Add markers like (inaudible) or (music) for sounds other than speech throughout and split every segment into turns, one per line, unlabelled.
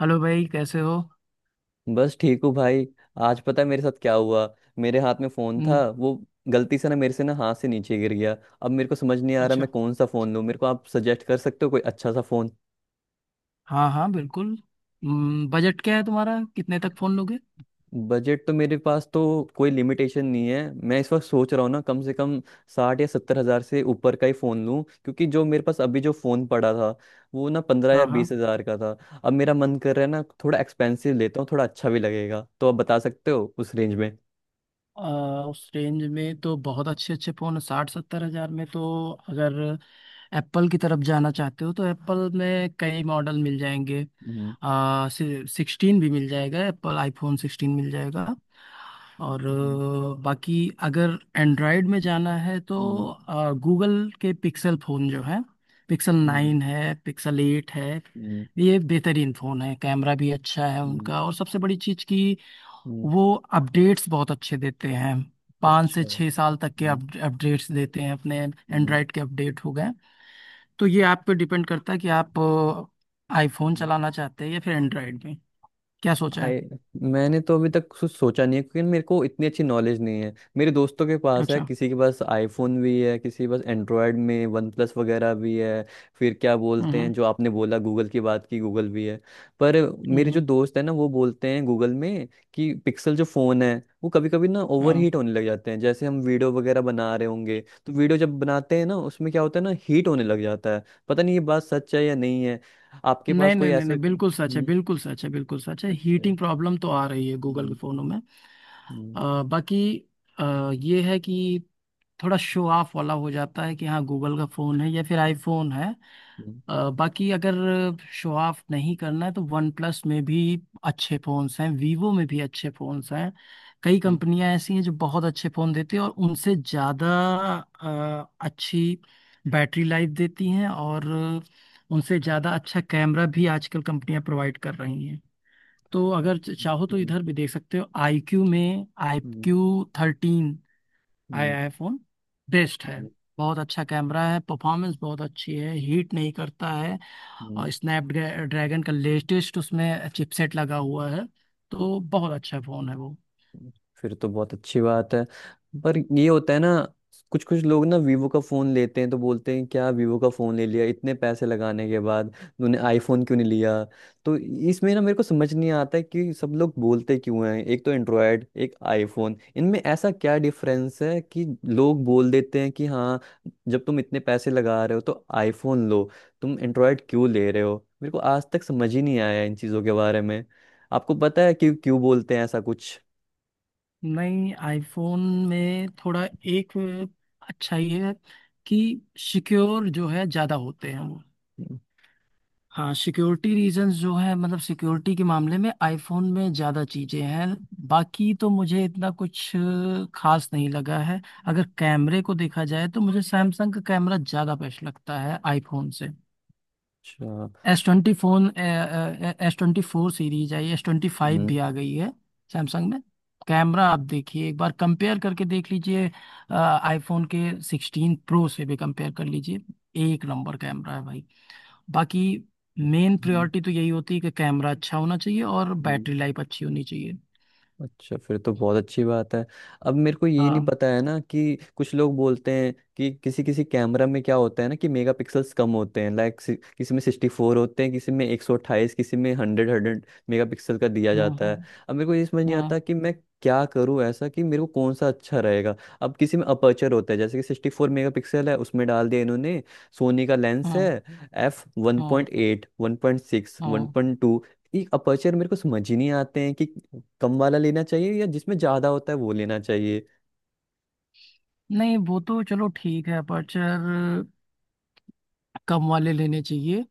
Hello भाई, कैसे हो?
बस ठीक हूँ भाई। आज पता है मेरे साथ क्या हुआ? मेरे हाथ में फोन था,
हम्म।
वो गलती से ना मेरे से ना हाथ से नीचे गिर गया। अब मेरे को समझ नहीं आ रहा
अच्छा।
मैं कौन सा फोन लूँ, मेरे को आप सजेस्ट कर सकते हो कोई अच्छा सा फोन।
हाँ हाँ, बिल्कुल। बजट क्या है तुम्हारा, कितने तक फोन लोगे?
बजट तो मेरे पास तो कोई लिमिटेशन नहीं है। मैं इस वक्त सोच रहा हूँ ना कम से कम 60 या 70 हजार से ऊपर का ही फोन लूँ क्योंकि जो मेरे पास अभी जो फोन पड़ा था वो ना पंद्रह या
हाँ हाँ।
बीस हजार का था। अब मेरा मन कर रहा है ना थोड़ा एक्सपेंसिव लेता हूँ, थोड़ा अच्छा भी लगेगा, तो आप बता सकते हो उस रेंज में।
उस रेंज में तो बहुत अच्छे अच्छे फोन 60-70 हजार में, तो अगर एप्पल की तरफ जाना चाहते हो तो एप्पल में कई मॉडल मिल जाएंगे।
हम्म।
सिक्सटीन भी मिल जाएगा, एप्पल आईफोन सिक्सटीन मिल जाएगा। और
हम्म,
बाकी अगर एंड्रॉयड में जाना है तो
हम्म,
गूगल के पिक्सल फ़ोन जो है, पिक्सल
हम्म।
नाइन है, पिक्सल एट है।
हम्म,
ये बेहतरीन फ़ोन है, कैमरा भी अच्छा है
हम्म,
उनका, और सबसे बड़ी चीज़ कि
हम्म,
वो अपडेट्स बहुत अच्छे देते हैं। पाँच से
अच्छा।
छः साल तक के
हम्म,
अपडेट्स देते हैं, अपने
हम्म,
एंड्रॉयड के अपडेट हो गए। तो ये आप पे डिपेंड करता है कि आप आईफोन चलाना चाहते हैं या फिर एंड्रॉयड में। क्या सोचा है?
आई मैंने तो अभी तक कुछ सोचा नहीं है क्योंकि मेरे को इतनी अच्छी नॉलेज नहीं है। मेरे दोस्तों के पास है,
अच्छा।
किसी के पास आईफोन भी है, किसी के पास एंड्रॉयड में वन प्लस वगैरह भी है। फिर क्या बोलते
हम्म।
हैं जो आपने बोला गूगल की बात की, गूगल भी है। पर मेरे जो
हम्म।
दोस्त है ना वो बोलते हैं गूगल में कि पिक्सल जो फ़ोन है वो कभी कभी ना ओवर
हाँ।
हीट होने लग जाते हैं, जैसे हम वीडियो वगैरह बना रहे होंगे तो वीडियो जब बनाते हैं ना उसमें क्या होता है ना, हीट होने लग जाता है। पता नहीं ये बात सच है या नहीं है। आपके पास
नहीं
कोई
नहीं नहीं
ऐसा
नहीं, बिल्कुल सच है,
हम्म?
बिल्कुल सच है, बिल्कुल सच है।
अच्छा।
हीटिंग प्रॉब्लम तो आ रही है गूगल के
हम्म।
फ़ोनों में।
हम्म,
बाकी ये है कि थोड़ा शो ऑफ वाला हो जाता है, कि हाँ, गूगल का फ़ोन है या फिर आईफोन है।
हम्म,
बाकी अगर शो ऑफ नहीं करना है तो वन प्लस में भी अच्छे फोन्स हैं, वीवो में भी अच्छे फोन्स हैं। कई
हम्म,
कंपनियां ऐसी हैं जो बहुत अच्छे फोन देती हैं, और उनसे ज़्यादा अच्छी बैटरी लाइफ देती हैं, और उनसे ज़्यादा अच्छा कैमरा भी आजकल कंपनियां प्रोवाइड कर रही हैं। तो अगर चाहो तो
हम्म,
इधर भी देख सकते हो, आई क्यू में। आई
हम्म, हम्म,
क्यू थर्टीन
हम्म,
आया है फोन। बेस्ट है,
हम्म,
बहुत अच्छा कैमरा है, परफॉर्मेंस बहुत अच्छी है, हीट नहीं करता है।
हम्म,
और स्नैपड्रैगन का लेटेस्ट उसमें चिपसेट लगा हुआ है, तो बहुत अच्छा फ़ोन है वो।
फिर तो बहुत अच्छी बात है। पर ये होता है ना, कुछ कुछ लोग ना वीवो का फोन लेते हैं तो बोलते हैं क्या वीवो का फोन ले लिया, इतने पैसे लगाने के बाद तूने आईफोन क्यों नहीं लिया। तो इसमें ना मेरे को समझ नहीं आता है कि सब लोग बोलते क्यों हैं, एक तो एंड्रॉयड एक आईफोन, इनमें ऐसा क्या डिफरेंस है कि लोग बोल देते हैं कि हाँ जब तुम इतने पैसे लगा रहे हो तो आईफोन लो, तुम एंड्रॉयड क्यों ले रहे हो। मेरे को आज तक समझ ही नहीं आया इन चीज़ों के बारे में। आपको पता है कि क्यों बोलते हैं ऐसा कुछ?
नहीं, आईफोन में थोड़ा एक अच्छा ये है कि सिक्योर जो है ज़्यादा होते हैं वो। हाँ, सिक्योरिटी रीजंस जो है, मतलब सिक्योरिटी के मामले में आईफोन में ज़्यादा चीज़ें हैं। बाकी तो मुझे इतना कुछ खास नहीं लगा है। अगर कैमरे को देखा जाए तो मुझे सैमसंग का कैमरा ज़्यादा बेस्ट लगता है आईफोन से।
अच्छा।
S twenty phone, S twenty four series आई, एस ट्वेंटी फाइव
हम्म,
भी आ गई है सैमसंग में। कैमरा आप देखिए, एक बार कंपेयर करके देख लीजिए। आईफोन के सिक्सटीन प्रो से भी कंपेयर कर लीजिए। एक नंबर कैमरा है भाई। बाकी मेन
हम्म,
प्रायोरिटी तो यही होती है कि कैमरा अच्छा होना चाहिए और
हम्म।
बैटरी लाइफ अच्छी होनी चाहिए।
अच्छा फिर तो बहुत अच्छी बात है। अब मेरे को ये नहीं
हाँ,
पता है ना कि कुछ लोग बोलते हैं कि किसी किसी कैमरा में क्या होता है ना कि मेगापिक्सल्स कम होते हैं, लाइक किसी में 64 होते हैं, किसी में 128, किसी में हंड्रेड हंड्रेड मेगापिक्सल का दिया
हाँ,
जाता
हाँ,
है। अब मेरे को ये समझ नहीं
हाँ,
आता कि मैं क्या करूं ऐसा कि मेरे को कौन सा अच्छा रहेगा। अब किसी में अपर्चर होता है, जैसे कि 64 मेगा पिक्सल है उसमें डाल दिया इन्होंने, सोनी का लेंस है,
हाँ,
एफ वन
हाँ,
पॉइंट एट 1.6, वन
हाँ।
पॉइंट टू, ये अपर्चर मेरे को समझ ही नहीं आते हैं कि कम वाला लेना चाहिए या जिसमें ज्यादा होता है वो लेना चाहिए।
नहीं, वो तो चलो ठीक है, अपर्चर कम वाले लेने चाहिए।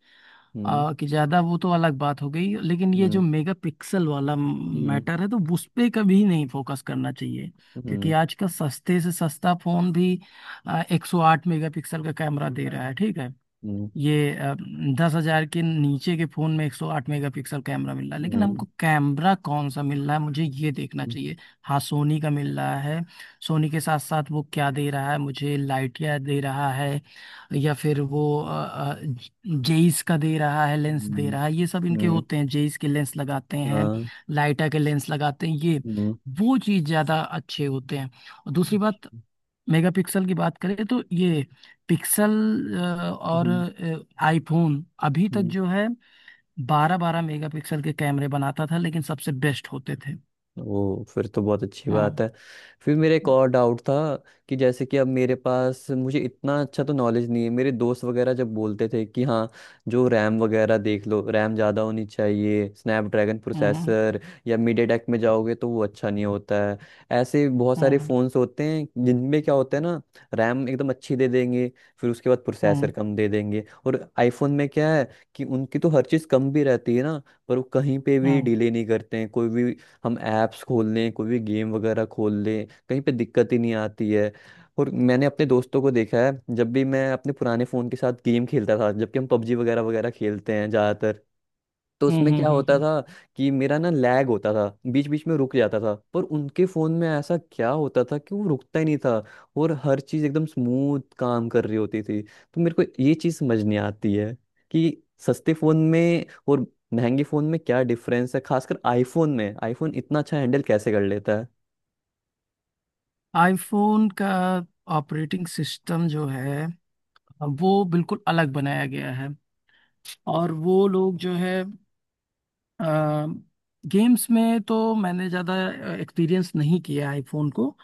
हम्म,
कि ज्यादा, वो तो अलग बात हो गई, लेकिन ये जो
हम्म,
मेगा पिक्सल वाला
हम्म,
मैटर है तो उस पे कभी नहीं फोकस करना चाहिए। क्योंकि
हम्म,
आज का सस्ते से सस्ता फोन भी 108 मेगा पिक्सल का कैमरा दे रहा है, ठीक है।
हम्म,
ये 10 हजार के नीचे के फोन में 108 मेगापिक्सल कैमरा मिल रहा है, लेकिन
हम्म,
हमको कैमरा कौन सा मिल रहा है, मुझे ये देखना
हम्म,
चाहिए। हाँ, सोनी का मिल रहा है। सोनी के साथ साथ वो क्या दे रहा है, मुझे लाइटिया दे रहा है। या फिर वो जेईस का दे रहा है, लेंस दे
हम्म,
रहा है। ये सब इनके
हम्म,
होते हैं, जेईस के लेंस लगाते हैं,
हाँ,
लाइटा के लेंस लगाते हैं ये।
हम्म,
वो चीज ज्यादा अच्छे होते हैं। और दूसरी बात, मेगापिक्सल की बात करें तो ये पिक्सल और
हम्म,
आईफोन अभी तक
हम्म,
जो है बारह बारह मेगापिक्सल के कैमरे बनाता था, लेकिन सबसे बेस्ट होते थे।
ओ फिर तो बहुत अच्छी
हाँ।
बात है। फिर मेरा एक
हम्म।
और डाउट था कि जैसे कि अब मेरे पास, मुझे इतना अच्छा तो नॉलेज नहीं है। मेरे दोस्त वगैरह जब बोलते थे कि हाँ, जो रैम वगैरह देख लो, रैम ज़्यादा होनी चाहिए, स्नैपड्रैगन
हम्म।
प्रोसेसर या मिड टेक में जाओगे तो वो अच्छा नहीं होता है। ऐसे बहुत सारे
हम्म।
फ़ोन्स होते हैं जिनमें क्या होता है ना, रैम एकदम अच्छी दे देंगे, फिर उसके बाद
हम्म। हम्म।
प्रोसेसर कम दे देंगे। और आईफोन में क्या है कि उनकी तो हर चीज़ कम भी रहती है ना, पर वो कहीं पे भी
हम्म।
डिले नहीं करते हैं। कोई भी हम ऐप्स खोल लें, कोई भी गेम वगैरह खोल लें, कहीं पे दिक्कत ही नहीं आती है। और मैंने अपने दोस्तों को देखा है, जब भी मैं अपने पुराने फ़ोन के साथ गेम खेलता था, जबकि हम पबजी वगैरह वगैरह खेलते हैं ज़्यादातर, तो
हम्म।
उसमें क्या
हम्म।
होता
हम्म।
था कि मेरा ना लैग होता था, बीच बीच में रुक जाता था, पर उनके फ़ोन में ऐसा क्या होता था कि वो रुकता ही नहीं था और हर चीज़ एकदम स्मूथ काम कर रही होती थी। तो मेरे को ये चीज़ समझ नहीं आती है कि सस्ते फ़ोन में और महंगे फ़ोन में क्या डिफरेंस है, खासकर आईफोन में, आईफोन इतना अच्छा हैंडल कैसे कर लेता है।
आईफोन का ऑपरेटिंग सिस्टम जो है वो बिल्कुल अलग बनाया गया है। और वो लोग जो है, गेम्स में तो मैंने ज़्यादा एक्सपीरियंस नहीं किया है आईफोन को।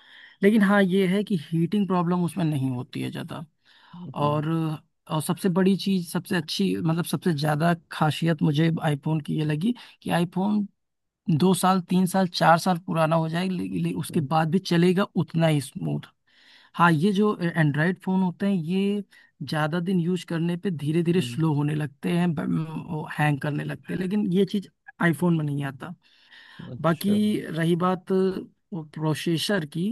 लेकिन हाँ, ये है कि हीटिंग प्रॉब्लम उसमें नहीं होती है ज़्यादा।
हम्म,
और और सबसे बड़ी चीज़, सबसे अच्छी, मतलब सबसे ज़्यादा खासियत मुझे आईफोन की ये लगी कि आईफोन 2 साल 3 साल 4 साल पुराना हो जाएगा ले, ले, उसके
हम्म,
बाद भी चलेगा उतना ही स्मूथ। हाँ, ये जो एंड्रॉयड फ़ोन होते हैं ये ज़्यादा दिन यूज करने पे धीरे धीरे
हम्म,
स्लो होने लगते हैं। हैंग करने लगते हैं, लेकिन ये चीज़ आईफोन में नहीं आता। बाकी
अच्छा।
रही बात प्रोसेसर की,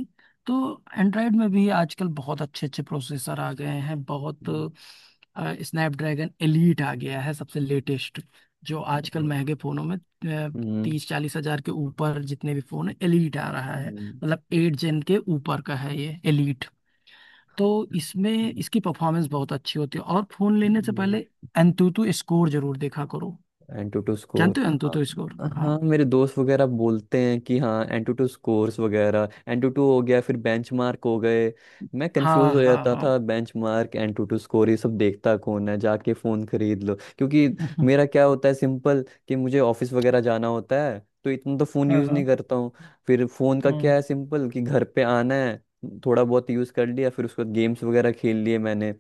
तो एंड्रॉयड में भी आजकल बहुत अच्छे अच्छे प्रोसेसर आ गए हैं बहुत।
हम्म,
स्नैपड्रैगन एलीट आ गया है सबसे लेटेस्ट। जो आजकल
हम्म,
महंगे फोनों में
हम्म,
30-40 हजार के ऊपर जितने भी फोन है, एलीट आ रहा है।
हम्म,
मतलब एट जेन के ऊपर का है ये एलीट। तो इसमें इसकी परफॉर्मेंस बहुत अच्छी होती है, और फोन लेने से
हम्म,
पहले एंतुतु स्कोर जरूर देखा करो।
एंटूटू स्कोर,
जानते हो
हाँ
एंतुतु स्कोर? हाँ।
हाँ, मेरे दोस्त वगैरह बोलते हैं कि हाँ एंटूटू स्कोर्स वगैरह, एंटूटू हो गया, फिर बेंचमार्क हो गए। मैं कंफ्यूज
हाँ,
हो
हाँ,
जाता
हाँ।
था बेंचमार्क, एंटूटू स्कोर, ये सब देखता कौन है, जाके फ़ोन खरीद लो क्योंकि
(laughs)
मेरा क्या होता है सिंपल, कि मुझे ऑफिस वगैरह जाना होता है, तो इतना तो फ़ोन
हाँ,
यूज़ नहीं
हाँ,
करता हूँ। फिर फ़ोन का क्या है
हाँ,
सिंपल, कि घर पे आना है, थोड़ा बहुत यूज़ कर लिया, फिर उसके बाद गेम्स वगैरह खेल लिए मैंने,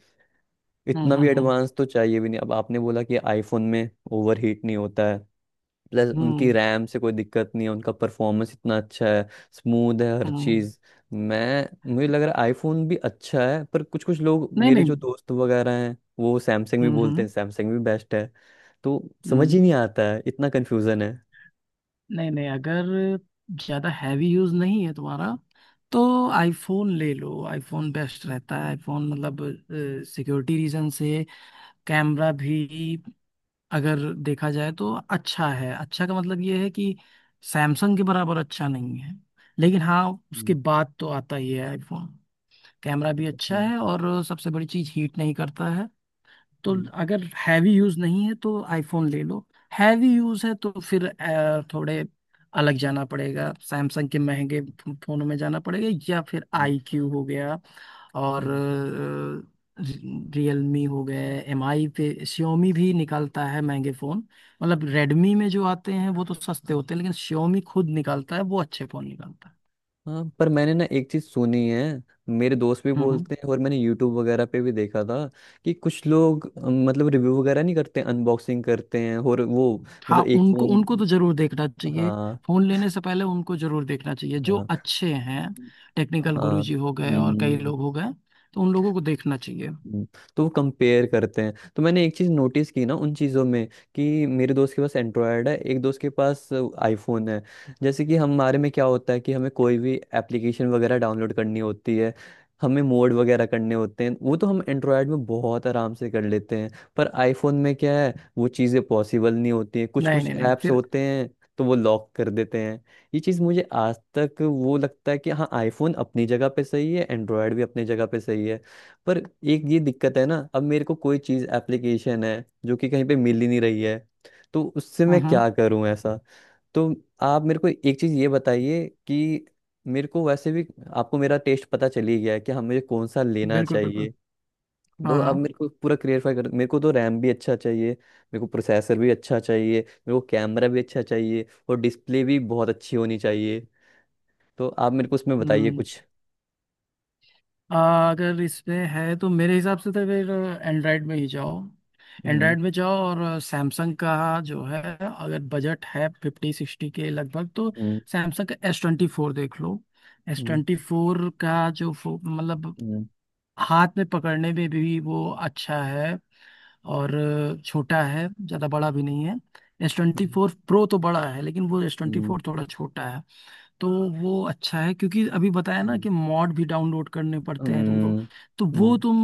हाँ,
इतना भी
हाँ, हाँ।
एडवांस तो चाहिए भी नहीं। अब आपने बोला कि आईफोन में ओवर हीट नहीं होता है, प्लस उनकी
हम्म।
रैम से कोई दिक्कत नहीं है, उनका परफॉर्मेंस इतना अच्छा है, स्मूथ है हर
हम्म।
चीज़। मैं मुझे लग रहा है आईफोन भी अच्छा है, पर कुछ कुछ लोग
नहीं
मेरे
नहीं।
जो दोस्त वगैरह हैं वो सैमसंग भी
हम्म।
बोलते
हम्म।
हैं, सैमसंग भी बेस्ट है। तो समझ
हम्म।
ही नहीं आता है, इतना कन्फ्यूज़न है।
नहीं नहीं, अगर ज्यादा हैवी यूज नहीं है तुम्हारा तो आईफोन ले लो। आईफोन बेस्ट रहता है आईफोन, मतलब सिक्योरिटी रीजन से। कैमरा भी, अगर देखा जाए तो अच्छा है। अच्छा का मतलब ये है कि सैमसंग के बराबर अच्छा नहीं है। लेकिन हाँ, उसके
हम्म,
बाद तो आता ही है आईफोन। कैमरा भी अच्छा
हम्म,
है और सबसे बड़ी चीज, हीट नहीं करता है। तो
हम्म,
अगर हैवी यूज नहीं है तो आईफोन ले लो। हैवी यूज है तो फिर थोड़े अलग जाना पड़ेगा, सैमसंग के महंगे फोनों में जाना पड़ेगा, या फिर
हम्म,
आई क्यू हो गया। और
हम्म।
रियलमी हो गए, एम आई पे। Xiaomi भी निकालता है महंगे फोन। मतलब रेडमी में जो आते हैं वो तो सस्ते होते हैं, लेकिन Xiaomi खुद निकालता है, वो अच्छे फोन निकालता है।
हाँ पर मैंने ना एक चीज़ सुनी है, मेरे दोस्त भी
हम्म। हम्म।
बोलते हैं और मैंने यूट्यूब वगैरह पे भी देखा था कि कुछ लोग मतलब रिव्यू वगैरह नहीं करते, अनबॉक्सिंग करते हैं और वो
हाँ,
मतलब एक
उनको
फ़ोन,
उनको तो जरूर देखना चाहिए।
हाँ।
फोन लेने से पहले उनको जरूर देखना चाहिए, जो
हाँ,
अच्छे हैं।
हाँ,
टेक्निकल
हाँ,
गुरुजी हो गए और कई
हम्म,
लोग हो गए, तो उन लोगों को देखना चाहिए।
हम्म, तो वो कंपेयर करते हैं। तो मैंने एक चीज़ नोटिस की ना उन चीज़ों में, कि मेरे दोस्त के पास एंड्रॉयड है, एक दोस्त के पास आईफोन है, जैसे कि हमारे में क्या होता है कि हमें कोई भी एप्लीकेशन वगैरह डाउनलोड करनी होती है, हमें मोड वगैरह करने होते हैं, वो तो हम एंड्रॉयड में बहुत आराम से कर लेते हैं। पर आईफोन में क्या है, वो चीज़ें पॉसिबल नहीं होती हैं, कुछ
नहीं
कुछ
नहीं नहीं नहीं,
ऐप्स
फिर।
होते हैं तो वो लॉक कर देते हैं। ये चीज़ मुझे आज तक, वो लगता है कि हाँ आईफोन अपनी जगह पे सही है, एंड्रॉयड भी अपनी जगह पे सही है, पर एक ये दिक्कत है ना, अब मेरे को कोई चीज एप्लीकेशन है जो कि कहीं पे मिल ही नहीं रही है, तो उससे
हम्म।
मैं
हम्म।
क्या करूं ऐसा। तो आप मेरे को एक चीज ये बताइए कि मेरे को वैसे भी, आपको मेरा टेस्ट पता चल ही गया है कि हमें कौन सा लेना
बिल्कुल बिल्कुल।
चाहिए, तो
हाँ
अब
हाँ।
मेरे को पूरा क्लियरफाई कर, मेरे को तो रैम भी अच्छा चाहिए, मेरे को प्रोसेसर भी अच्छा चाहिए, मेरे को कैमरा भी अच्छा चाहिए और डिस्प्ले भी बहुत अच्छी होनी चाहिए। तो आप मेरे को उसमें बताइए
हम्म।
कुछ।
अगर इसमें है तो मेरे हिसाब से तो फिर एंड्रॉयड में ही जाओ।
हम्म,
एंड्रॉयड में जाओ और सैमसंग का जो है, अगर बजट है फिफ्टी सिक्सटी के लगभग, तो
हम्म,
सैमसंग का एस ट्वेंटी फोर देख लो। एस
हम्म,
ट्वेंटी फोर का जो मतलब
हम्म,
हाथ में पकड़ने में भी वो अच्छा है। और छोटा है, ज़्यादा बड़ा भी नहीं है। एस ट्वेंटी
हम्म,
फोर प्रो तो बड़ा है, लेकिन वो एस ट्वेंटी
हम्म,
फोर थोड़ा छोटा है। तो वो अच्छा है, क्योंकि अभी बताया ना
हम्म,
कि मॉड भी डाउनलोड करने पड़ते हैं तुमको।
हम्म,
तो वो
हम्म,
तुम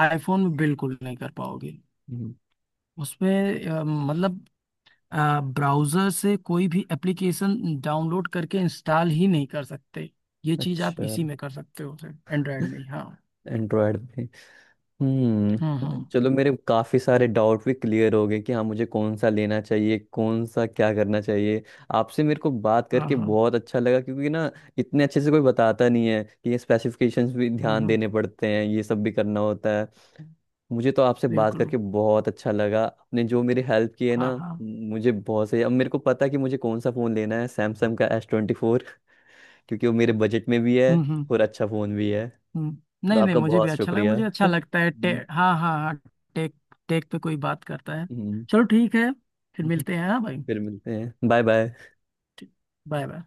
आईफोन में बिल्कुल नहीं कर पाओगे।
हम्म,
उसमें मतलब ब्राउज़र से कोई भी एप्लीकेशन डाउनलोड करके इंस्टॉल ही नहीं कर सकते। ये चीज़ आप
अच्छा।
इसी में कर सकते हो, एंड्रॉयड में ही। हाँ।
एंड्रॉयड पे
हम्म।
हम्म।
हम्म।
चलो मेरे काफ़ी सारे डाउट भी क्लियर हो गए कि हाँ मुझे कौन सा लेना चाहिए, कौन सा क्या करना चाहिए। आपसे मेरे को बात
हाँ
करके
हाँ।
बहुत अच्छा लगा, क्योंकि ना इतने अच्छे से कोई बताता नहीं है कि ये स्पेसिफिकेशंस भी
हम्म।
ध्यान
हम्म।
देने पड़ते हैं, ये सब भी करना होता है। मुझे तो आपसे बात
बिल्कुल।
करके बहुत अच्छा लगा, आपने जो मेरी हेल्प की है
हाँ
ना,
हाँ।
मुझे बहुत सही, अब मेरे को पता है कि मुझे कौन सा फ़ोन लेना है, सैमसंग का S24, क्योंकि वो मेरे बजट में भी है
हम्म। हम्म।
और अच्छा फ़ोन भी है।
हम्म।
तो
नहीं नहीं,
आपका
मुझे भी
बहुत
अच्छा लगा।
शुक्रिया।
मुझे
(laughs)
अच्छा लगता है
हम्म,
हाँ हाँ हाँ। टेक, टेक पे कोई बात करता है।
हम्म,
चलो ठीक है, फिर मिलते हैं, हाँ भाई।
फिर मिलते हैं, बाय बाय।
Bye bye.